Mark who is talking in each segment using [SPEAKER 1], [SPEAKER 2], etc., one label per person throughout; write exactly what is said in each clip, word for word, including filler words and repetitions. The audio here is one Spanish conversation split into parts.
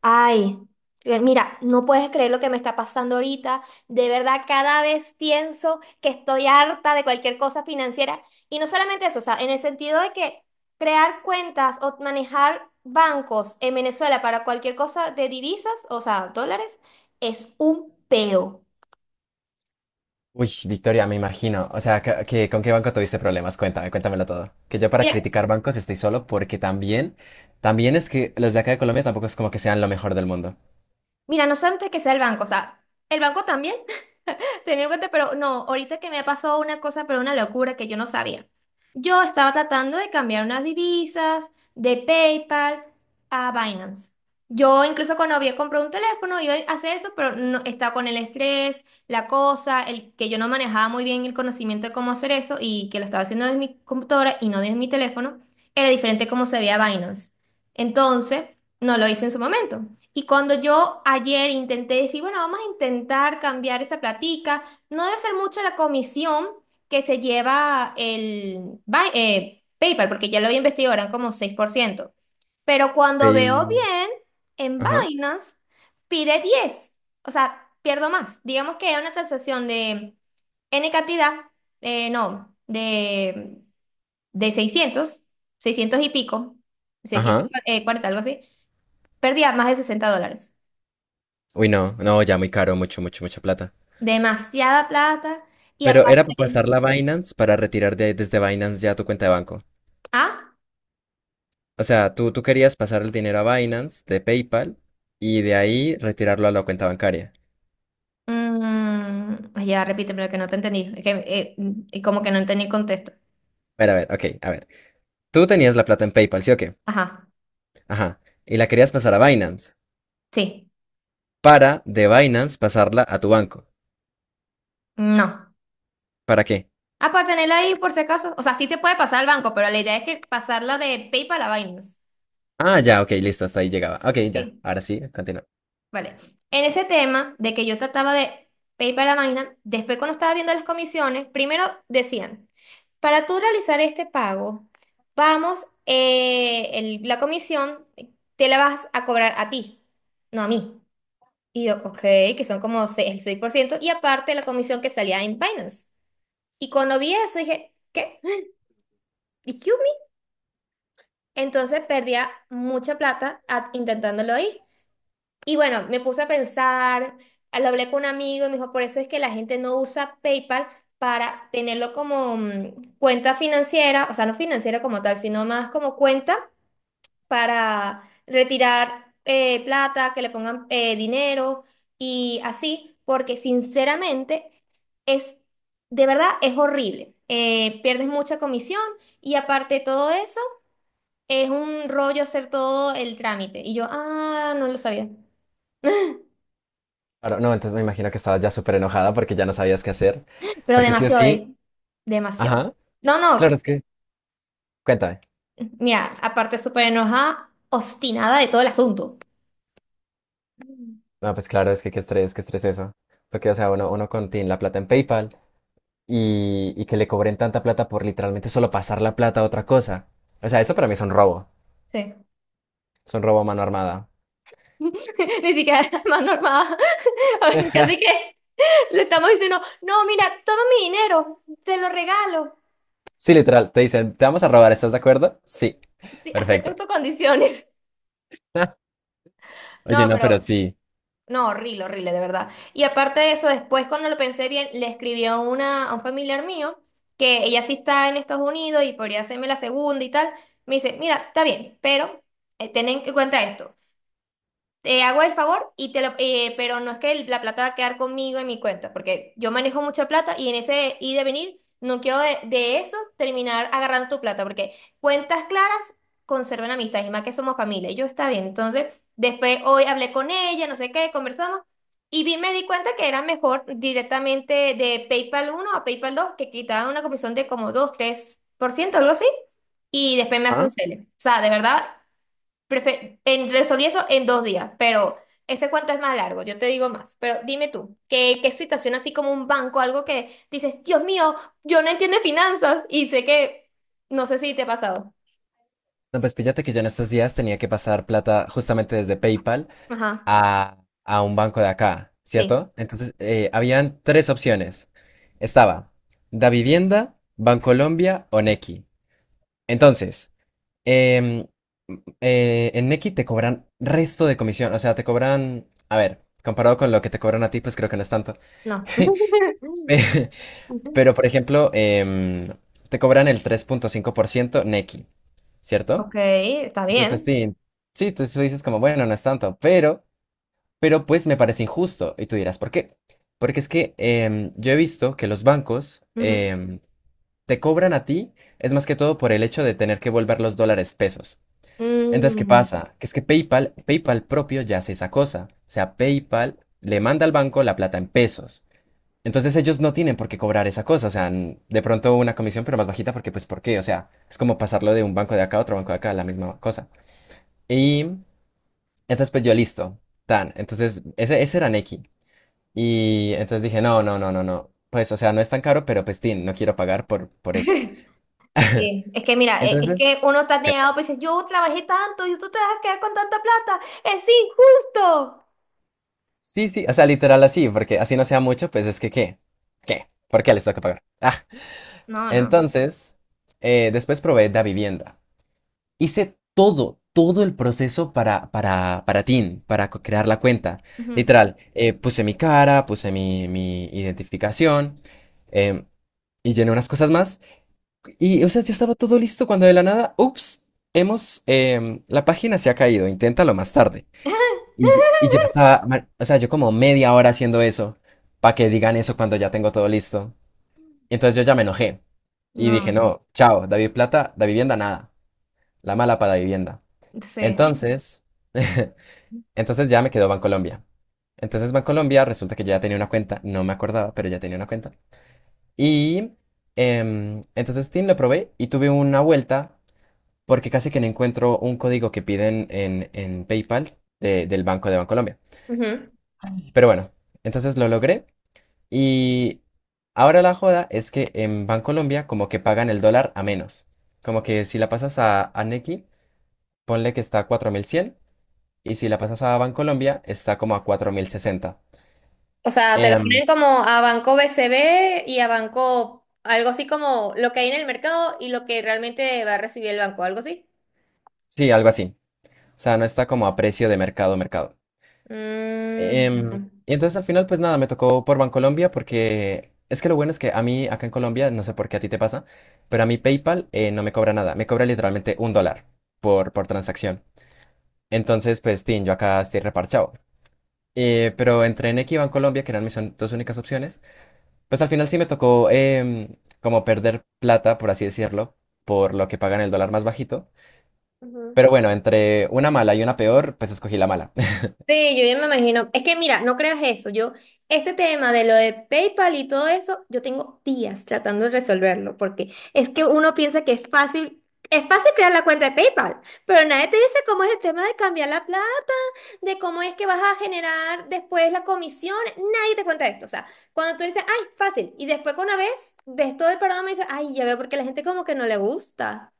[SPEAKER 1] Ay, que mira, no puedes creer lo que me está pasando ahorita. De verdad, cada vez pienso que estoy harta de cualquier cosa financiera. Y no solamente eso, o sea, en el sentido de que crear cuentas o manejar bancos en Venezuela para cualquier cosa de divisas, o sea, dólares, es un peo.
[SPEAKER 2] Uy, Victoria, me imagino. O sea, ca- que, ¿con qué banco tuviste problemas? Cuéntame, cuéntamelo todo. Que yo para
[SPEAKER 1] Mira,
[SPEAKER 2] criticar bancos estoy solo porque también, también es que los de acá de Colombia tampoco es como que sean lo mejor del mundo.
[SPEAKER 1] mira, no solamente que sea el banco, o sea, el banco también. Tenía en cuenta, pero no, ahorita que me pasó una cosa, pero una locura que yo no sabía. Yo estaba tratando de cambiar unas divisas de PayPal a Binance. Yo incluso cuando había comprado un teléfono iba a hacer eso, pero no, estaba con el estrés, la cosa, el que yo no manejaba muy bien el conocimiento de cómo hacer eso y que lo estaba haciendo desde mi computadora y no desde mi teléfono, era diferente cómo se veía Binance. Entonces, no lo hice en su momento. Y cuando yo ayer intenté decir, bueno, vamos a intentar cambiar esa platica, no debe ser mucho la comisión que se lleva el Bi- eh, PayPal, porque ya lo había investigado, eran como seis por ciento. Pero cuando veo
[SPEAKER 2] Pay-
[SPEAKER 1] bien, en
[SPEAKER 2] Ajá,
[SPEAKER 1] Binance pide diez. O sea, pierdo más. Digamos que era una transacción de N cantidad, eh, no, de, de seiscientos, seiscientos y pico,
[SPEAKER 2] ajá.
[SPEAKER 1] seiscientos cuarenta, algo así. Perdía más de sesenta dólares.
[SPEAKER 2] Uy, no, no, ya muy caro, mucho, mucho, mucha plata.
[SPEAKER 1] Demasiada plata. Y
[SPEAKER 2] Pero era para
[SPEAKER 1] aparte,
[SPEAKER 2] pasar la Binance para retirar de- desde Binance ya tu cuenta de banco.
[SPEAKER 1] ah,
[SPEAKER 2] O sea, tú, tú querías pasar el dinero a Binance de PayPal y de ahí retirarlo a la cuenta bancaria.
[SPEAKER 1] mm, ay, ya repítemelo que no te entendí. Es que, eh, mm, como que no entendí el contexto.
[SPEAKER 2] A ver, a ver, ok, a ver. Tú tenías la plata en PayPal, ¿sí o qué?
[SPEAKER 1] Ajá,
[SPEAKER 2] Ajá. Y la querías pasar a Binance.
[SPEAKER 1] sí,
[SPEAKER 2] Para de Binance pasarla a tu banco.
[SPEAKER 1] no.
[SPEAKER 2] ¿Para qué?
[SPEAKER 1] Ah, para tenerla ahí por si acaso. O sea, sí se puede pasar al banco, pero la idea es que pasarla de PayPal a Binance.
[SPEAKER 2] Ah, ya, ok, listo, hasta ahí llegaba. Ok, ya,
[SPEAKER 1] Sí,
[SPEAKER 2] ahora sí, continúa.
[SPEAKER 1] vale. En ese tema de que yo trataba de PayPal a Binance, después cuando estaba viendo las comisiones, primero decían. Para tú realizar este pago, vamos, eh, el- la comisión eh, te la vas a cobrar a ti, no a mí. Y yo, ok, que son como se- el seis por ciento y aparte la comisión que salía en Binance. Y cuando vi eso dije, ¿qué? ¿Excuse me? Entonces perdía mucha plata a- intentándolo ahí. Y bueno, me puse a pensar, lo hablé con un amigo y me dijo, por eso es que la gente no usa PayPal para tenerlo como mm, cuenta financiera, o sea, no financiera como tal, sino más como cuenta para retirar eh, plata, que le pongan eh, dinero y así, porque sinceramente es, de verdad, es horrible. Eh, pierdes mucha comisión y aparte de todo eso, es un rollo hacer todo el trámite. Y yo, ah, no lo sabía.
[SPEAKER 2] Ahora, no, entonces me imagino que estabas ya súper enojada porque ya no sabías qué hacer.
[SPEAKER 1] Pero
[SPEAKER 2] Porque sí o
[SPEAKER 1] demasiado,
[SPEAKER 2] sí,
[SPEAKER 1] eh, demasiado.
[SPEAKER 2] ajá,
[SPEAKER 1] No,
[SPEAKER 2] claro,
[SPEAKER 1] no,
[SPEAKER 2] es que, cuéntame.
[SPEAKER 1] mira, aparte súper enojada, obstinada de todo el asunto. Mm.
[SPEAKER 2] No, pues claro, es que qué estrés, qué estrés eso. Porque, o sea, uno, uno contiene la plata en PayPal y, y que le cobren tanta plata por literalmente solo pasar la plata a otra cosa. O sea, eso para mí es un robo.
[SPEAKER 1] Sí.
[SPEAKER 2] Es un robo a mano armada.
[SPEAKER 1] Ni siquiera es más normal. A ver, casi que le estamos diciendo, no, mira, toma mi dinero, te lo regalo.
[SPEAKER 2] Sí, literal, te dicen, te vamos a robar, ¿estás de acuerdo? Sí,
[SPEAKER 1] Sí, acepto
[SPEAKER 2] perfecto.
[SPEAKER 1] tus condiciones.
[SPEAKER 2] Oye,
[SPEAKER 1] No,
[SPEAKER 2] no, pero
[SPEAKER 1] pero,
[SPEAKER 2] sí.
[SPEAKER 1] no, horrible, horrible, de verdad. Y aparte de eso, después cuando lo pensé bien, le escribí a, una, a un familiar mío, que ella sí está en Estados Unidos y podría hacerme la segunda y tal. Me dice, mira, está bien, pero eh, ten en cuenta esto. Te hago el favor y te lo, eh, pero no es que el- la plata va a quedar conmigo en mi cuenta, porque yo manejo mucha plata y en ese ir de venir no quiero de, de eso terminar agarrando tu plata, porque cuentas claras conservan amistad, y más que somos familia, y yo está bien. Entonces, después hoy hablé con ella, no sé qué, conversamos, y vi, me di cuenta que era mejor directamente de PayPal uno a PayPal dos que quitaban una comisión de como dos tres por ciento, algo así, y después me hace un
[SPEAKER 2] Ajá.
[SPEAKER 1] cel. O sea, de verdad. Prefe- en, resolví eso en dos días, pero ese cuento es más largo, yo te digo más. Pero dime tú, ¿qué, qué situación así como un banco, algo que dices, Dios mío, yo no entiendo de finanzas y sé que, no sé si te ha pasado.
[SPEAKER 2] No, pues fíjate que yo en estos días tenía que pasar plata justamente desde PayPal
[SPEAKER 1] Ajá,
[SPEAKER 2] a, a un banco de acá,
[SPEAKER 1] sí,
[SPEAKER 2] ¿cierto? Entonces, eh, habían tres opciones. Estaba Davivienda, Bancolombia o Nequi. Entonces, em, eh, en Nequi te cobran resto de comisión, o sea, te cobran, a ver, comparado con lo que te cobran a ti, pues creo que no es tanto.
[SPEAKER 1] no.
[SPEAKER 2] Pe- Pero, por ejemplo, em, te cobran el tres punto cinco por ciento Nequi, ¿cierto?
[SPEAKER 1] Ok, está
[SPEAKER 2] Entonces, pues,
[SPEAKER 1] bien.
[SPEAKER 2] sí, sí, tú, tú dices como, bueno, no es tanto, pero, pero, pues me parece injusto. Y tú dirás, ¿por qué? Porque es que em, yo he visto que los bancos
[SPEAKER 1] Ujú.
[SPEAKER 2] em, te cobran a ti, es más que todo por el hecho de tener que volver los dólares pesos. Entonces, ¿qué
[SPEAKER 1] Mm,
[SPEAKER 2] pasa? Que es que PayPal, PayPal propio ya hace esa cosa. O sea, PayPal le manda al banco la plata en pesos. Entonces ellos no tienen por qué cobrar esa cosa, o sea, n- de pronto una comisión, pero más bajita, porque pues ¿por qué? O sea, es como pasarlo de un banco de acá a otro banco de acá, la misma cosa. Y entonces, pues yo listo, tan. Entonces, ese, ese era Neki. Y entonces dije, no, no, no, no, no. Pues, o sea, no es tan caro, pero pues, tin, no quiero pagar por, por eso.
[SPEAKER 1] sí, es que mira, e- es,
[SPEAKER 2] Entonces,
[SPEAKER 1] que uno está
[SPEAKER 2] ok.
[SPEAKER 1] negado, pues dices, yo trabajé tanto y tú te vas a quedar con tanta plata, es injusto.
[SPEAKER 2] Sí, sí, o sea, literal así, porque así no sea mucho, pues es que, ¿qué? ¿Qué? ¿Por qué les toca pagar? Ah,
[SPEAKER 1] No, no.
[SPEAKER 2] entonces, eh, después probé Da Vivienda. Hice todo, todo el proceso para, para, para Tin, para co- crear la cuenta.
[SPEAKER 1] Ujú.
[SPEAKER 2] Literal, eh, puse mi cara, puse mi, mi identificación, em, y llené unas cosas más. Y, o sea, ya estaba todo listo cuando de la nada, ups, hemos, em, la página se ha caído, inténtalo más tarde. Y, yo- y ya estaba, ma- o sea, yo como media hora haciendo eso, para que digan eso cuando ya tengo todo listo. Y entonces yo ya me enojé y dije,
[SPEAKER 1] No.
[SPEAKER 2] no, chao, David Plata, da vivienda nada, la mala para vivienda.
[SPEAKER 1] Sí.
[SPEAKER 2] Entonces, entonces ya me quedó Bancolombia. Entonces Bancolombia, resulta que yo ya tenía una cuenta, no me acordaba, pero ya tenía una cuenta. Y em, entonces Steam lo probé y tuve una vuelta porque casi que no encuentro un código que piden en, en PayPal de- del Banco de Bancolombia.
[SPEAKER 1] Ujú.
[SPEAKER 2] Pero bueno, entonces lo logré y ahora la joda es que en Bancolombia como que pagan el dólar a menos. Como que si la pasas a, a Nequi, ponle que está a cuatro mil cien y si la pasas a Bancolombia está como a cuatro mil sesenta.
[SPEAKER 1] O sea, te lo
[SPEAKER 2] Em,
[SPEAKER 1] ponen como a banco B C B y a banco algo así como lo que hay en el mercado y lo que realmente va a recibir el banco, algo así.
[SPEAKER 2] sí, algo así. O sea, no está como a precio de mercado, mercado. Em,
[SPEAKER 1] Mm.
[SPEAKER 2] y entonces al final, pues nada, me tocó por Bancolombia porque es que lo bueno es que a mí acá en Colombia, no sé por qué a ti te pasa, pero a mí PayPal eh, no me cobra nada, me cobra literalmente un dólar por, por transacción. Entonces, pues, tin, yo acá estoy reparchado. Eh, pero entre Nequi y Bancolombia, que eran mis on- dos únicas opciones, pues al final sí me tocó em, como perder plata, por así decirlo, por lo que pagan el dólar más bajito. Pero
[SPEAKER 1] Ujú.
[SPEAKER 2] bueno, entre una mala y una peor, pues escogí la mala.
[SPEAKER 1] Sí, yo ya me imagino. Es que mira, no creas eso. Yo, este tema de lo de PayPal y todo eso, yo tengo días tratando de resolverlo, porque es que uno piensa que es fácil, es fácil crear la cuenta de PayPal, pero nadie te dice cómo es el tema de cambiar la plata de cómo es que vas a generar después la comisión, nadie te cuenta esto. O sea, cuando tú dices, ay, fácil, y después con una vez ves todo el programa y dices, ay, ya veo porque la gente como que no le gusta.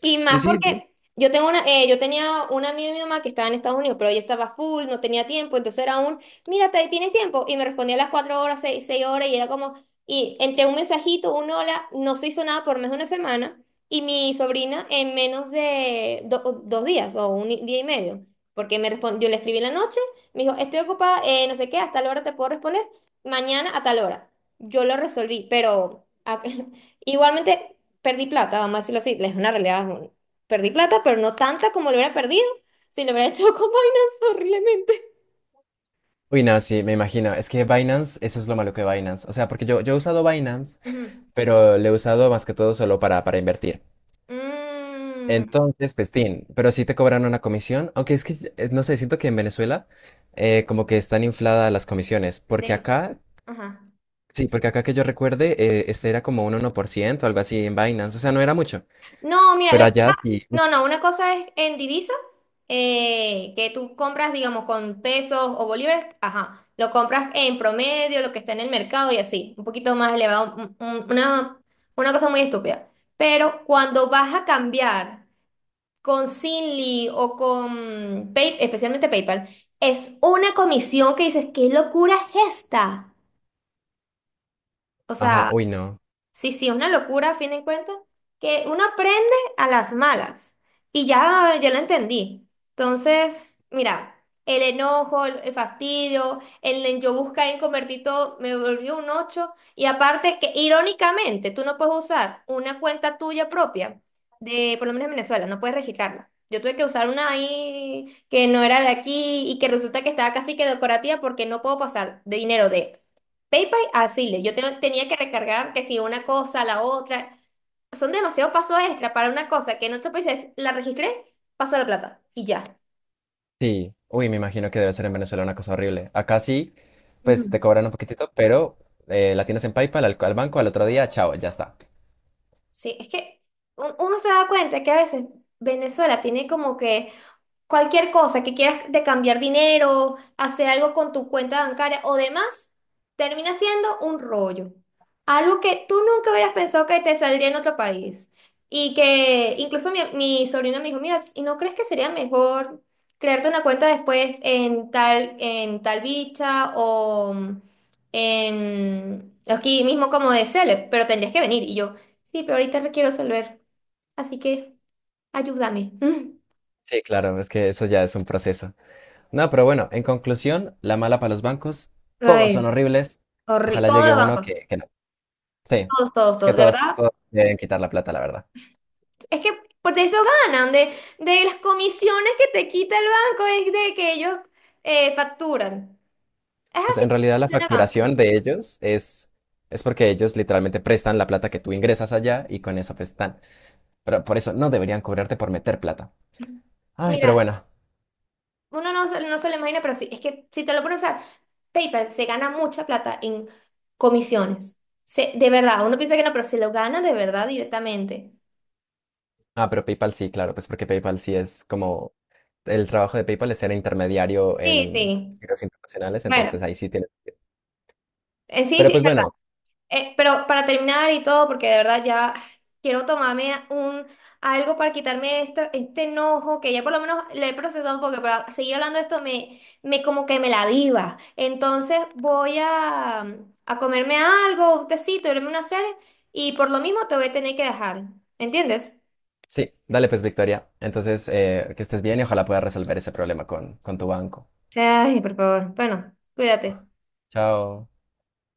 [SPEAKER 1] Y
[SPEAKER 2] Sí,
[SPEAKER 1] más
[SPEAKER 2] sí,
[SPEAKER 1] porque yo tengo una, eh, yo tenía una amiga de mi mamá que estaba en Estados Unidos, pero ella estaba full, no tenía tiempo, entonces era un, mira, ¿te- ¿tienes tiempo? Y me respondía a las cuatro horas, seis, seis horas, y era como, y entre un mensajito, un hola, no se hizo nada por más de una semana, y mi sobrina en menos de do- dos días o un día y medio, porque me respon yo le escribí en la noche, me dijo, estoy ocupada, eh, no sé qué, hasta la hora te puedo responder, mañana a tal hora. Yo lo resolví, pero... Igualmente, perdí plata, vamos a decirlo así, es una realidad. es un- Perdí plata, pero no tanta como lo hubiera perdido si lo hubiera hecho con Binance horriblemente.
[SPEAKER 2] uy, no, sí, me imagino. Es que Binance, eso es lo malo que Binance. O sea, porque yo, yo he usado Binance,
[SPEAKER 1] Ujú.
[SPEAKER 2] pero le he usado más que todo solo para, para invertir.
[SPEAKER 1] Mm,
[SPEAKER 2] Entonces, pues, tin, pero sí te cobran una comisión. Aunque es que, eh, no sé, siento que en Venezuela eh, como que están infladas las comisiones. Porque
[SPEAKER 1] de-
[SPEAKER 2] acá,
[SPEAKER 1] ajá.
[SPEAKER 2] sí, porque acá que yo recuerde, eh, este era como un uno por ciento o algo así en Binance. O sea, no era mucho.
[SPEAKER 1] No, mira, lo
[SPEAKER 2] Pero
[SPEAKER 1] que
[SPEAKER 2] allá
[SPEAKER 1] pasa-
[SPEAKER 2] sí.
[SPEAKER 1] no,
[SPEAKER 2] Ush,
[SPEAKER 1] no, una cosa es en divisa, eh, que tú compras, digamos, con pesos o bolívares, ajá, lo compras en promedio, lo que está en el mercado y así, un poquito más elevado, un- un- una, una cosa muy estúpida. Pero cuando vas a cambiar con Lee o con Pay- especialmente PayPal, es una comisión que dices, ¿qué locura es esta? O
[SPEAKER 2] ajá,
[SPEAKER 1] sea,
[SPEAKER 2] uy, no.
[SPEAKER 1] sí, sí, una locura a fin de cuentas, que uno aprende a las malas y ya, ya lo entendí. Entonces, mira, el enojo, el, el fastidio, el en yo buscar en convertir todo, me volvió un ocho y aparte que irónicamente tú no puedes usar una cuenta tuya propia de, por lo menos en Venezuela, no puedes registrarla. Yo tuve que usar una ahí que no era de aquí y que resulta que estaba casi que decorativa porque no puedo pasar de dinero de PayPal, así, le- yo te- tenía que recargar que si una cosa, la otra. Son demasiados pasos extra para una cosa que en otro país es, la registré, paso la plata y ya.
[SPEAKER 2] Sí, uy, me imagino que debe ser en Venezuela una cosa horrible. Acá sí,
[SPEAKER 1] Ujú.
[SPEAKER 2] pues te cobran un poquitito, pero eh, la tienes en PayPal al, al banco al otro día, chao, ya está.
[SPEAKER 1] Sí, es que un- uno se da cuenta que a veces Venezuela tiene como que cualquier cosa que quieras de cambiar dinero, hacer algo con tu cuenta bancaria o demás, termina siendo un rollo. Algo que tú nunca hubieras pensado que te saldría en otro país. Y que incluso mi, mi sobrina me dijo, mira, ¿y no crees que sería mejor crearte una cuenta después en tal, en tal bicha o mm, en aquí mismo como de Celeb? Pero tendrías que venir. Y yo, sí, pero ahorita requiero resolver. Así que ayúdame.
[SPEAKER 2] Sí, claro, es que eso ya es un proceso. No, pero bueno, en conclusión, la mala para los bancos, todos son
[SPEAKER 1] Ay.
[SPEAKER 2] horribles.
[SPEAKER 1] Horri-
[SPEAKER 2] Ojalá
[SPEAKER 1] Todos
[SPEAKER 2] llegue
[SPEAKER 1] los
[SPEAKER 2] uno
[SPEAKER 1] bancos,
[SPEAKER 2] que, que no. Sí,
[SPEAKER 1] todos, todos,
[SPEAKER 2] es que
[SPEAKER 1] todos, de
[SPEAKER 2] todos,
[SPEAKER 1] verdad.
[SPEAKER 2] todos deben quitar la plata, la verdad.
[SPEAKER 1] Es que por de eso ganan, de, de las comisiones que te quita el banco, es de que ellos eh, facturan. Es
[SPEAKER 2] Pues
[SPEAKER 1] así
[SPEAKER 2] en
[SPEAKER 1] que
[SPEAKER 2] realidad la
[SPEAKER 1] funciona el banco.
[SPEAKER 2] facturación de ellos es, es porque ellos literalmente prestan la plata que tú ingresas allá y con eso pues están. Pero por eso no deberían cobrarte por meter plata. Ay, pero
[SPEAKER 1] Mira,
[SPEAKER 2] bueno.
[SPEAKER 1] uno no, se- no se lo imagina, pero sí, es que si te lo pones a pensar, PayPal se gana mucha plata en comisiones. Se- de verdad, uno piensa que no, pero se lo gana de verdad directamente.
[SPEAKER 2] Ah, pero PayPal sí, claro, pues porque PayPal sí es como el trabajo de PayPal es ser intermediario
[SPEAKER 1] Sí,
[SPEAKER 2] en
[SPEAKER 1] sí.
[SPEAKER 2] giros internacionales, entonces pues
[SPEAKER 1] Bueno,
[SPEAKER 2] ahí sí tiene.
[SPEAKER 1] en sí,
[SPEAKER 2] Pero
[SPEAKER 1] sí,
[SPEAKER 2] pues bueno,
[SPEAKER 1] Eh, pero para terminar y todo, porque de verdad ya quiero tomarme un algo para quitarme este, este enojo, que ya por lo menos le he procesado, porque para seguir hablando de esto me, me como que me la viva. Entonces voy a, a comerme algo, un tecito, verme una serie, y por lo mismo te voy a tener que dejar. ¿Me entiendes?
[SPEAKER 2] sí, dale pues Victoria. Entonces, eh, que estés bien y ojalá puedas resolver ese problema con, con tu banco.
[SPEAKER 1] Ay, por favor. Bueno, cuídate.
[SPEAKER 2] Chao.